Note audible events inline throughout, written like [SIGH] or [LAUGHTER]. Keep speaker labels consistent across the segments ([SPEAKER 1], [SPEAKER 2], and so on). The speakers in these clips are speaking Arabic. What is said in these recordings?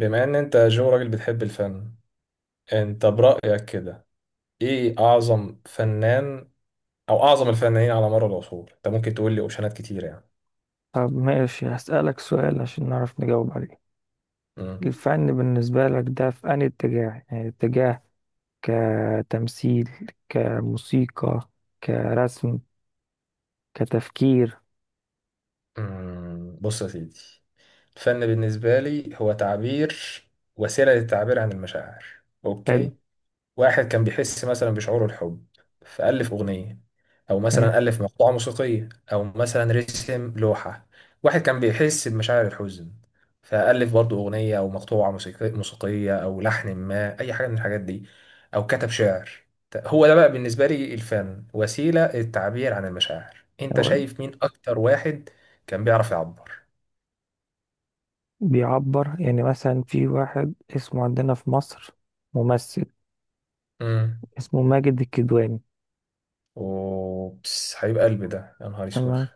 [SPEAKER 1] بما ان انت يا جو راجل بتحب الفن، انت برأيك كده ايه اعظم فنان او اعظم الفنانين على مر العصور؟ انت ممكن تقول لي اوبشنات كتير يعني.
[SPEAKER 2] طب ماشي، هسألك سؤال عشان نعرف نجاوب عليه.
[SPEAKER 1] مم.
[SPEAKER 2] الفن بالنسبة لك ده في أنهي اتجاه؟ يعني اتجاه كتمثيل، كموسيقى، كرسم، كتفكير؟
[SPEAKER 1] مم. بص يا سيدي، الفن بالنسبة لي هو تعبير، وسيلة للتعبير عن المشاعر.
[SPEAKER 2] حلو.
[SPEAKER 1] اوكي. واحد كان بيحس مثلا بشعور الحب، فألف أغنية أو مثلا
[SPEAKER 2] إيه،
[SPEAKER 1] ألف مقطوعة موسيقية أو مثلا رسم لوحة. واحد كان بيحس بمشاعر الحزن، فألف برضه أغنية أو مقطوعة موسيقية أو لحن ما، أي حاجة من الحاجات دي، أو كتب شعر. هو ده بقى بالنسبة لي الفن، وسيلة للتعبير عن المشاعر. أنت
[SPEAKER 2] هو
[SPEAKER 1] شايف مين أكتر واحد كان بيعرف يعبر؟
[SPEAKER 2] بيعبر، يعني مثلا في واحد اسمه عندنا في مصر، ممثل
[SPEAKER 1] امم
[SPEAKER 2] اسمه ماجد الكدواني.
[SPEAKER 1] أوبس، حبيب قلبي ده، يا نهار اسود.
[SPEAKER 2] تمام.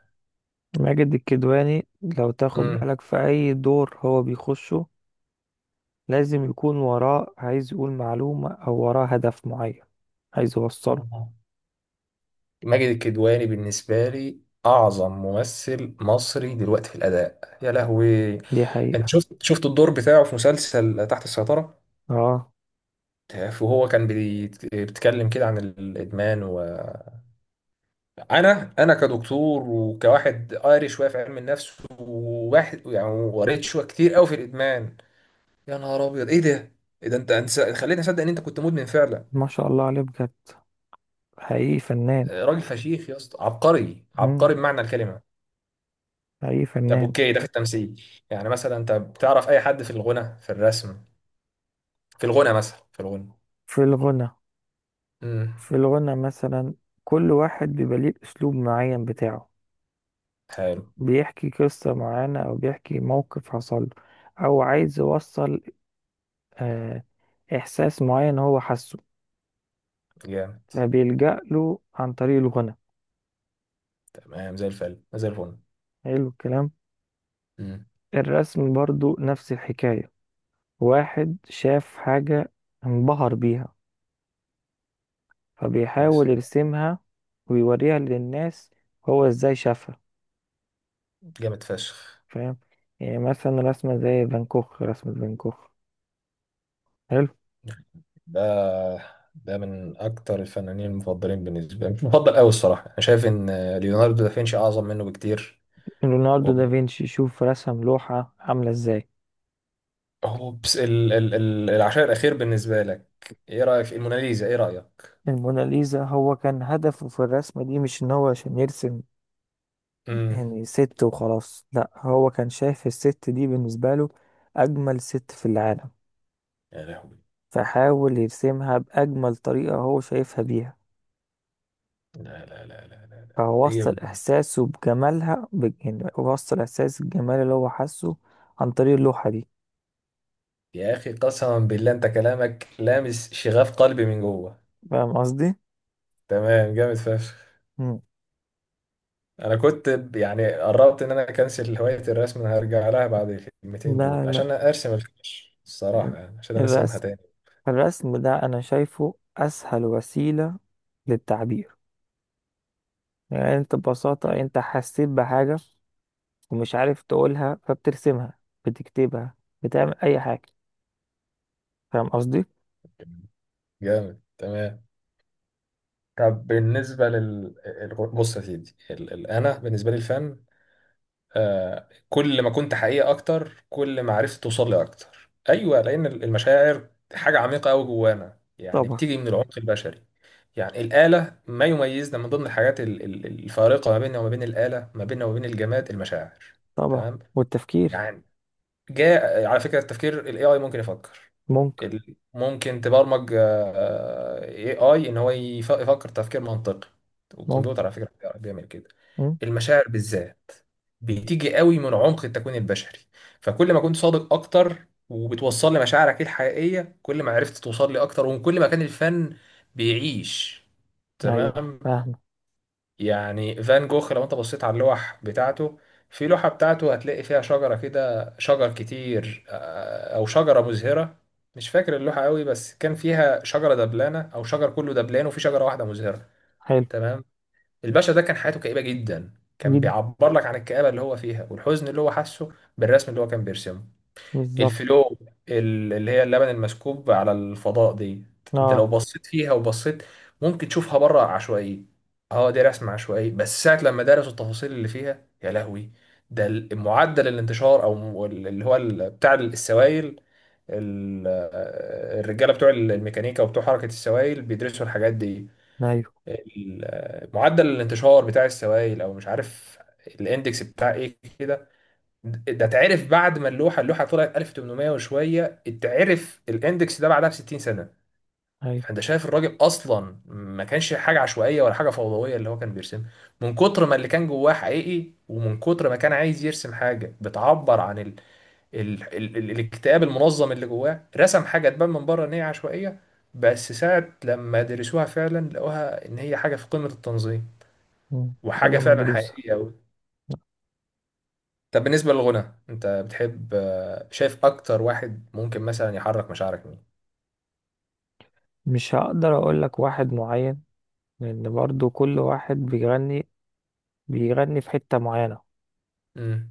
[SPEAKER 2] ماجد الكدواني لو تاخد بالك، في أي دور هو بيخشه لازم يكون وراه عايز يقول معلومة، أو وراه هدف معين عايز يوصله.
[SPEAKER 1] امم ماجد الكدواني بالنسبة لي أعظم ممثل مصري دلوقتي في الأداء، يا لهوي.
[SPEAKER 2] دي
[SPEAKER 1] أنت
[SPEAKER 2] حقيقة.
[SPEAKER 1] شفت الدور بتاعه في مسلسل تحت السيطرة،
[SPEAKER 2] اه،
[SPEAKER 1] وهو كان بيتكلم كده عن الإدمان. وأنا كدكتور وكواحد قاري شوية في علم النفس وواحد يعني، وقريت شوية كتير قوي في الإدمان. يا نهار أبيض، إيه ده؟ إيه ده، أنت خليتني أصدق إن أنت كنت مدمن فعلا.
[SPEAKER 2] ما شاء الله عليه بجد، حقيقي فنان.
[SPEAKER 1] آه، راجل فشيخ يا اسطى، عبقري
[SPEAKER 2] مم.
[SPEAKER 1] عبقري بمعنى الكلمة.
[SPEAKER 2] حقيقي
[SPEAKER 1] طب
[SPEAKER 2] فنان.
[SPEAKER 1] اوكي، ده في التمثيل. يعني مثلا انت بتعرف اي حد في الغنى، في الرسم، في الغنى مثلا في الغنى.
[SPEAKER 2] في الغنى
[SPEAKER 1] امم
[SPEAKER 2] في الغنى مثلا كل واحد بيبقى ليه أسلوب معين بتاعه،
[SPEAKER 1] حلو،
[SPEAKER 2] بيحكي قصة معينة أو بيحكي موقف حصل له، أو عايز يوصل آه إحساس معين هو حاسه،
[SPEAKER 1] جامد،
[SPEAKER 2] فبيلجأ له عن طريق الغنى.
[SPEAKER 1] تمام، زي الفل زي الفل.
[SPEAKER 2] حلو الكلام.
[SPEAKER 1] امم
[SPEAKER 2] الرسم برضو نفس الحكاية. واحد شاف حاجة، انبهر بيها،
[SPEAKER 1] يا
[SPEAKER 2] فبيحاول
[SPEAKER 1] سلام.
[SPEAKER 2] يرسمها ويوريها للناس هو ازاي شافها.
[SPEAKER 1] جامد فشخ.
[SPEAKER 2] فاهم؟ يعني مثلا رسمة زي فان كوخ، رسمة فان كوخ. حلو.
[SPEAKER 1] ده ده من اكتر الفنانين المفضلين بالنسبه لي، مش مفضل قوي الصراحه. انا شايف ان ليوناردو دافنشي اعظم منه بكتير.
[SPEAKER 2] ليوناردو دافنشي، شوف رسم لوحة عاملة ازاي.
[SPEAKER 1] اوبس، ال العشاء الاخير بالنسبه لك؟ ايه رايك في الموناليزا؟ ايه رايك؟
[SPEAKER 2] الموناليزا هو كان هدفه في الرسمة دي مش ان هو عشان يرسم
[SPEAKER 1] امم
[SPEAKER 2] يعني ست وخلاص، لا، هو كان شايف الست دي بالنسبة له اجمل ست في العالم،
[SPEAKER 1] يا لهوي،
[SPEAKER 2] فحاول يرسمها باجمل طريقة هو شايفها بيها،
[SPEAKER 1] لا لا لا لا لا لا. إيه؟
[SPEAKER 2] فوصل إحساسه بجمالها، يعني وصل إحساس الجمال اللي هو حاسه عن طريق اللوحة دي.
[SPEAKER 1] يا اخي، قسما بالله، انت كلامك لامس شغاف قلبي من جوه.
[SPEAKER 2] فاهم قصدي؟
[SPEAKER 1] تمام، جامد فشخ.
[SPEAKER 2] مم.
[SPEAKER 1] انا كنت يعني قربت ان انا اكنسل هواية الرسم، انا هرجع لها بعد الكلمتين
[SPEAKER 2] لا،
[SPEAKER 1] دول
[SPEAKER 2] لا.
[SPEAKER 1] عشان ارسم الفيش الصراحة، يعني عشان ارسمها
[SPEAKER 2] الرسم
[SPEAKER 1] تاني.
[SPEAKER 2] الرسم ده أنا شايفه أسهل وسيلة للتعبير. يعني أنت ببساطة أنت حسيت بحاجة ومش عارف تقولها، فبترسمها، بتكتبها، بتعمل أي حاجة. فاهم قصدي؟
[SPEAKER 1] جامد، تمام. طب بالنسبة بص يا سيدي، انا بالنسبة لي الفن، آه، كل ما كنت حقيقي اكتر كل ما عرفت توصل لي اكتر، ايوه، لان المشاعر حاجه عميقه قوي جوانا، يعني
[SPEAKER 2] طبعا.
[SPEAKER 1] بتيجي من العمق البشري. يعني الاله، ما يميزنا من ضمن الحاجات الفارقه ما بيننا وما بين الاله، ما بيننا وما بين الجماد، المشاعر.
[SPEAKER 2] طبعا،
[SPEAKER 1] تمام.
[SPEAKER 2] والتفكير.
[SPEAKER 1] يعني، جاء على فكره، التفكير الاي اي ممكن يفكر،
[SPEAKER 2] ممكن.
[SPEAKER 1] ممكن تبرمج اي اي ان هو يفكر تفكير منطقي،
[SPEAKER 2] ممكن.
[SPEAKER 1] والكمبيوتر على فكره بيعمل كده.
[SPEAKER 2] مم.
[SPEAKER 1] المشاعر بالذات بتيجي قوي من عمق التكوين البشري، فكل ما كنت صادق اكتر وبتوصل لي مشاعرك الحقيقية كل ما عرفت توصل لي اكتر، ومن كل ما كان الفن بيعيش.
[SPEAKER 2] أيوه
[SPEAKER 1] تمام.
[SPEAKER 2] فاهم.
[SPEAKER 1] يعني فان جوخ، لو انت بصيت على اللوح بتاعته، في لوحة بتاعته هتلاقي فيها شجرة كده، شجر كتير، آه، او شجرة مزهرة. مش فاكر اللوحة قوي، بس كان فيها شجرة دبلانة او شجر كله دبلان وفي شجرة واحدة مزهرة.
[SPEAKER 2] حلو.
[SPEAKER 1] تمام. الباشا ده كان حياته كئيبة جدا، كان
[SPEAKER 2] جدا.
[SPEAKER 1] بيعبر لك عن الكآبة اللي هو فيها والحزن اللي هو حاسه بالرسم اللي هو كان بيرسمه.
[SPEAKER 2] بالظبط.
[SPEAKER 1] الفلو، اللي هي اللبن المسكوب على الفضاء دي، انت لو
[SPEAKER 2] آه.
[SPEAKER 1] بصيت فيها وبصيت ممكن تشوفها بره عشوائية. اه، دي رسم عشوائي، بس ساعة لما درسوا التفاصيل اللي فيها، يا لهوي. ده معدل الانتشار اللي هو بتاع السوائل. ال- الرجالة بتوع الميكانيكا وبتوع حركة السوائل بيدرسوا الحاجات دي،
[SPEAKER 2] أيوه.
[SPEAKER 1] معدل الانتشار بتاع السوائل، او مش عارف الاندكس بتاع ايه كده. ده اتعرف بعد ما اللوحه طلعت 1800 وشويه، اتعرف الاندكس ده بعدها ب 60 سنه.
[SPEAKER 2] أيوه.
[SPEAKER 1] فانت شايف الراجل اصلا ما كانش حاجه عشوائيه ولا حاجه فوضويه اللي هو كان بيرسمها، من كتر ما اللي كان جواه حقيقي، ومن كتر ما كان عايز يرسم حاجه بتعبر عن الاكتئاب المنظم اللي جواه، رسم حاجه تبان من بره ان هي عشوائيه، بس ساعة لما درسوها فعلا لقوها إن هي حاجة في قمة التنظيم،
[SPEAKER 2] مم.
[SPEAKER 1] وحاجة
[SPEAKER 2] حاجة
[SPEAKER 1] فعلا
[SPEAKER 2] مدروسة.
[SPEAKER 1] حقيقية أوي. طب بالنسبة للغنى، أنت بتحب، آه، شايف أكتر واحد ممكن مثلا يحرك مشاعرك مين؟
[SPEAKER 2] مش هقدر اقول لك واحد معين، لان برضو كل واحد بيغني في حتة معينة.
[SPEAKER 1] امم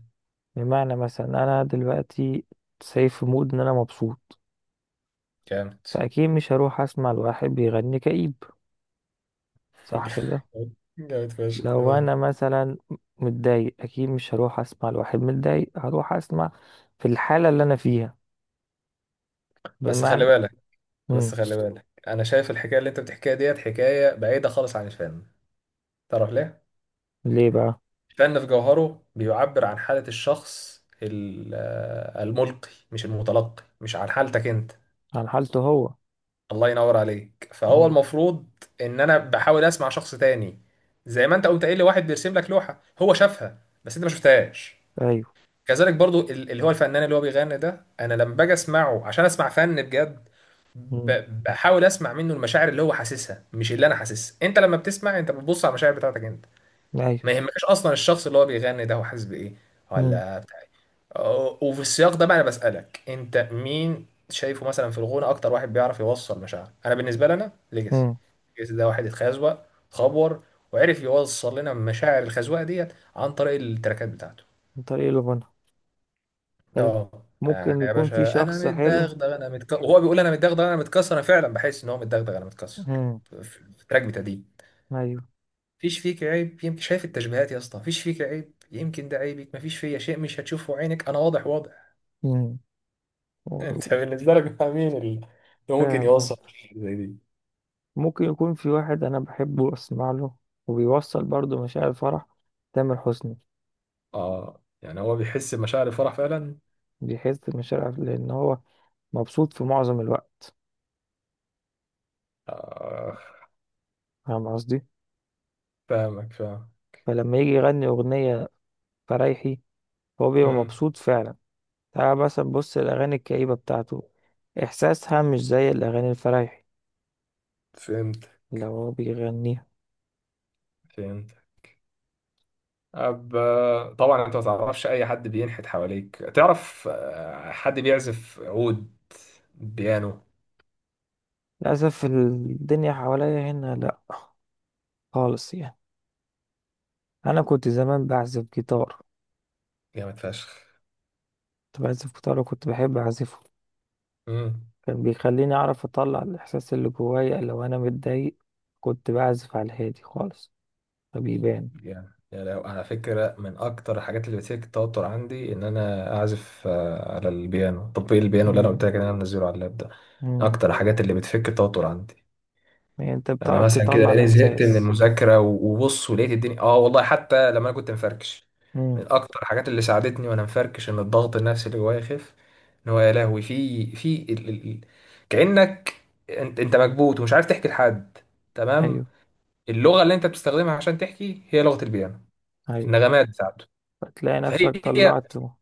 [SPEAKER 2] بمعنى مثلا انا دلوقتي سايب في مود ان انا مبسوط،
[SPEAKER 1] جامد.
[SPEAKER 2] فاكيد مش هروح اسمع لواحد بيغني كئيب. صح كده؟
[SPEAKER 1] [LAUGHS] جامد فشخ،
[SPEAKER 2] لو
[SPEAKER 1] تمام.
[SPEAKER 2] انا مثلا متضايق، اكيد مش هروح اسمع لواحد متضايق، هروح اسمع في الحالة اللي انا فيها.
[SPEAKER 1] بس خلي
[SPEAKER 2] بمعنى.
[SPEAKER 1] بالك، بس
[SPEAKER 2] مم.
[SPEAKER 1] خلي بالك، أنا شايف الحكاية اللي أنت بتحكيها ديت حكاية بعيدة خالص عن الفن. تعرف ليه؟
[SPEAKER 2] ليه بقى؟
[SPEAKER 1] الفن في جوهره بيعبر عن حالة الشخص، آه، الملقي مش المتلقي، مش عن حالتك أنت.
[SPEAKER 2] عن حالته هو.
[SPEAKER 1] الله ينور عليك. فهو
[SPEAKER 2] مم.
[SPEAKER 1] المفروض ان انا بحاول اسمع شخص تاني، زي ما انت قمت قايل لي، واحد بيرسم لك لوحه هو شافها بس انت ما شفتهاش.
[SPEAKER 2] ايوه.
[SPEAKER 1] كذلك برضو اللي هو الفنان اللي هو بيغني ده، انا لما باجي اسمعه عشان اسمع فن بجد،
[SPEAKER 2] مم.
[SPEAKER 1] بحاول اسمع منه المشاعر اللي هو حاسسها، مش اللي انا حاسسها. انت لما بتسمع، انت بتبص على المشاعر بتاعتك انت،
[SPEAKER 2] ايوه.
[SPEAKER 1] ما يهمكش اصلا الشخص اللي هو بيغني ده هو حاسس بايه
[SPEAKER 2] مم.
[SPEAKER 1] ولا بتاع إيه. أه، وفي السياق ده بقى انا بسالك، انت مين شايفه مثلا في الغنى اكتر واحد بيعرف يوصل مشاعر؟ انا بالنسبه لي، انا ليجاسي.
[SPEAKER 2] مم.
[SPEAKER 1] ليجاسي ده واحد اتخزوق، اتخبور، وعرف يوصل لنا مشاعر الخزوقه ديت عن طريق التراكات بتاعته.
[SPEAKER 2] من طريق الغنى. طيب.
[SPEAKER 1] اه، يعني
[SPEAKER 2] ممكن
[SPEAKER 1] يا
[SPEAKER 2] يكون في
[SPEAKER 1] باشا، انا
[SPEAKER 2] شخص حلو.
[SPEAKER 1] متدغدغ انا متكسر، وهو بيقول انا متدغدغ انا متكسر، انا فعلا بحس ان هو متدغدغ انا متكسر
[SPEAKER 2] مم.
[SPEAKER 1] في في التراك بتاعي.
[SPEAKER 2] ايوه.
[SPEAKER 1] مفيش فيك عيب يمكن، شايف التشبيهات يا اسطى، مفيش فيك عيب يمكن، ده عيبك، مفيش فيا شيء مش هتشوفه عينك، انا واضح واضح.
[SPEAKER 2] مم.
[SPEAKER 1] [LAUGHS]
[SPEAKER 2] و-
[SPEAKER 1] انت بالنسبه لك مع مين اللي ممكن
[SPEAKER 2] فاهم
[SPEAKER 1] يوصل
[SPEAKER 2] قصدك.
[SPEAKER 1] حاجة زي دي؟
[SPEAKER 2] ممكن يكون في واحد انا بحبه اسمع له، وبيوصل برضه مشاعر الفرح. تامر حسني.
[SPEAKER 1] اه، يعني هو بيحس بمشاعر الفرح فعلا.
[SPEAKER 2] بيحس بمشاعر، لان هو مبسوط في معظم الوقت.
[SPEAKER 1] آه،
[SPEAKER 2] فاهم قصدي.
[SPEAKER 1] فاهمك فاهم.
[SPEAKER 2] فلما يجي يغني أغنية فريحي هو بيبقى
[SPEAKER 1] امم
[SPEAKER 2] مبسوط فعلا. تعال مثلا بص الأغاني الكئيبة بتاعته، إحساسها مش زي الأغاني الفرايحي
[SPEAKER 1] فهمت
[SPEAKER 2] اللي هو بيغنيها.
[SPEAKER 1] فهمت. أب... طبعا انت ما تعرفش اي حد بينحت حواليك، تعرف آه، حد بيعزف عود، بيانو؟
[SPEAKER 2] للأسف الدنيا حواليا هنا لأ، خالص يعني. انا كنت زمان بعزف جيتار.
[SPEAKER 1] جامد فشخ.
[SPEAKER 2] كنت بعزف جيتار وكنت بحب اعزفه.
[SPEAKER 1] امم
[SPEAKER 2] كان بيخليني اعرف اطلع الاحساس اللي جوايا، لو انا متضايق كنت بعزف على الهادي خالص فبيبان.
[SPEAKER 1] يعني على فكرة، من أكتر الحاجات اللي بتشكل التوتر عندي إن أنا أعزف، آه، على البيانو، تطبيق البيانو اللي أنا قلت
[SPEAKER 2] امم.
[SPEAKER 1] لك إن أنا منزله على اللاب ده.
[SPEAKER 2] امم.
[SPEAKER 1] أكتر الحاجات اللي بتفك التوتر عندي،
[SPEAKER 2] يعني انت
[SPEAKER 1] لما اه
[SPEAKER 2] بتعرف
[SPEAKER 1] مثلا كده تطبيق،
[SPEAKER 2] تطلع
[SPEAKER 1] لأني تطبيق زهقت من البيانو
[SPEAKER 2] الاحساس.
[SPEAKER 1] المذاكرة، وبص ولقيت الدنيا. آه والله، حتى لما أنا كنت مفركش،
[SPEAKER 2] امم.
[SPEAKER 1] من أكتر الحاجات اللي ساعدتني وأنا مفركش إن الضغط النفسي اللي جوايا يخف، إن هو، يا لهوي، في في كأنك، أنت مكبوت ومش عارف تحكي لحد، تمام.
[SPEAKER 2] ايوه.
[SPEAKER 1] اللغة اللي أنت بتستخدمها عشان تحكي هي لغة البيانو،
[SPEAKER 2] ايوه.
[SPEAKER 1] النغمات بتاعته.
[SPEAKER 2] فتلاقي
[SPEAKER 1] فهي
[SPEAKER 2] نفسك طلعته.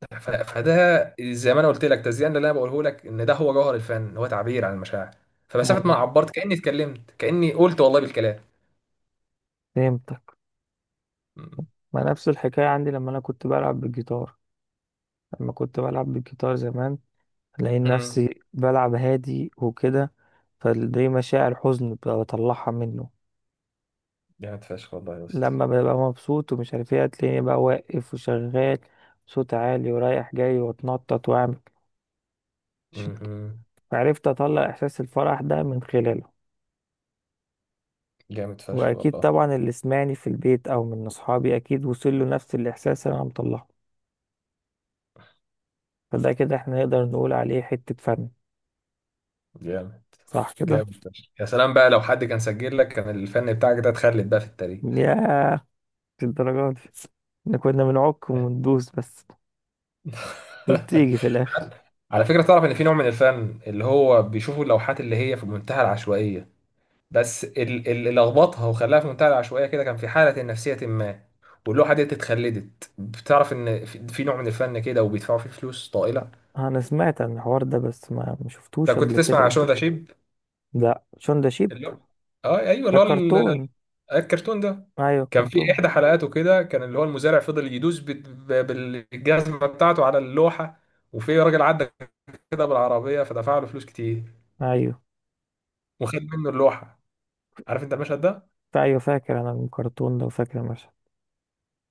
[SPEAKER 1] فده زي ما انا قلت لك، تزيان اللي انا بقوله لك ان ده هو جوهر الفن، هو تعبير عن المشاعر، فمسافه ما
[SPEAKER 2] ايوه،
[SPEAKER 1] عبرت كاني اتكلمت، كاني قلت والله بالكلام.
[SPEAKER 2] فهمتك. ما نفس الحكايه عندي لما انا كنت بلعب بالجيتار. لما كنت بلعب بالجيتار زمان الاقي
[SPEAKER 1] مم.
[SPEAKER 2] نفسي بلعب هادي وكده. فدي مشاعر حزن ببقى بطلعها منه.
[SPEAKER 1] جامد فشخ والله يا اسطى.
[SPEAKER 2] لما ببقى مبسوط ومش عارف ايه هتلاقيني بقى واقف وشغال، صوت عالي ورايح جاي، واتنطط، واعمل، عشان
[SPEAKER 1] مم.
[SPEAKER 2] عرفت اطلع احساس الفرح ده من خلاله.
[SPEAKER 1] جامد فشخ
[SPEAKER 2] واكيد
[SPEAKER 1] والله.
[SPEAKER 2] طبعا اللي سمعني في البيت او من اصحابي اكيد وصل له نفس الاحساس اللي انا مطلعه. فده كده احنا نقدر نقول عليه حتة فن.
[SPEAKER 1] جامد،
[SPEAKER 2] صح كده؟
[SPEAKER 1] جامد فشخ، يا سلام بقى، لو حد كان سجل لك كان الفن بتاعك ده اتخلد بقى في التاريخ.
[SPEAKER 2] ياه. في الدرجات دي احنا كنا بنعك وندوس بس،
[SPEAKER 1] [LAUGHS]
[SPEAKER 2] وبتيجي في الاخر.
[SPEAKER 1] على فكره، تعرف ان في نوع من الفن اللي هو بيشوفوا اللوحات اللي هي في منتهى العشوائيه، بس اللي لخبطها وخلاها في منتهى العشوائيه كده كان في حاله نفسيه ما، واللوحه ديت اتخلدت. بتعرف ان في في نوع من الفن كده وبيدفعوا فيه فلوس طائله؟
[SPEAKER 2] انا سمعت عن الحوار ده، بس ما
[SPEAKER 1] لو
[SPEAKER 2] شفتوش
[SPEAKER 1] كنت
[SPEAKER 2] قبل
[SPEAKER 1] تسمع
[SPEAKER 2] كده
[SPEAKER 1] عن شو
[SPEAKER 2] قدامي.
[SPEAKER 1] ده شيب،
[SPEAKER 2] لا، شون ده شيب.
[SPEAKER 1] اللي هو، اه ايوه،
[SPEAKER 2] ده
[SPEAKER 1] اللي هو
[SPEAKER 2] كرتون.
[SPEAKER 1] الكرتون ده،
[SPEAKER 2] ايوه،
[SPEAKER 1] كان في
[SPEAKER 2] كرتون.
[SPEAKER 1] احدى حلقاته كده كان اللي هو المزارع فضل يدوس بالجزمه بتاعته على اللوحه، وفي راجل عدى كده بالعربيه فدفع له فلوس كتير
[SPEAKER 2] ايوه،
[SPEAKER 1] وخد منه اللوحه. عارف انت المشهد ده؟
[SPEAKER 2] ايوه فاكر انا الكرتون ده، وفاكر المشهد.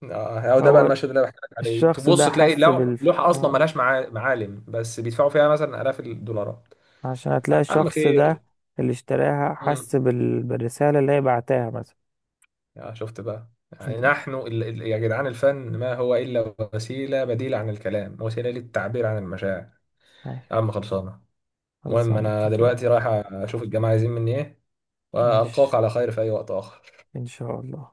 [SPEAKER 1] اه، هو ده بقى
[SPEAKER 2] هو
[SPEAKER 1] المشهد اللي انا بحكي لك عليه،
[SPEAKER 2] الشخص ده
[SPEAKER 1] تبص تلاقي
[SPEAKER 2] حس بال
[SPEAKER 1] لوحه اصلا
[SPEAKER 2] اه،
[SPEAKER 1] ملهاش معالم بس بيدفعوا فيها مثلا الاف الدولارات.
[SPEAKER 2] عشان هتلاقي
[SPEAKER 1] عم
[SPEAKER 2] الشخص
[SPEAKER 1] خير.
[SPEAKER 2] ده اللي اشتراها
[SPEAKER 1] امم
[SPEAKER 2] حس بالرسالة اللي هي بعتها مثلا.
[SPEAKER 1] يا شفت بقى، يعني
[SPEAKER 2] [LAUGHS]
[SPEAKER 1] نحن يا جدعان، الفن ما هو الا وسيله بديله عن الكلام، وسيله للتعبير عن المشاعر. يا
[SPEAKER 2] ايوه.
[SPEAKER 1] عم، خلصانه. المهم
[SPEAKER 2] خلصانة،
[SPEAKER 1] انا
[SPEAKER 2] اتفقنا.
[SPEAKER 1] دلوقتي رايح اشوف الجماعه عايزين مني ايه،
[SPEAKER 2] مش
[SPEAKER 1] والقاك على خير في اي وقت اخر.
[SPEAKER 2] ان شاء الله.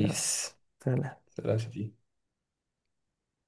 [SPEAKER 2] يلا. سلام.
[SPEAKER 1] سلام يا شفيق.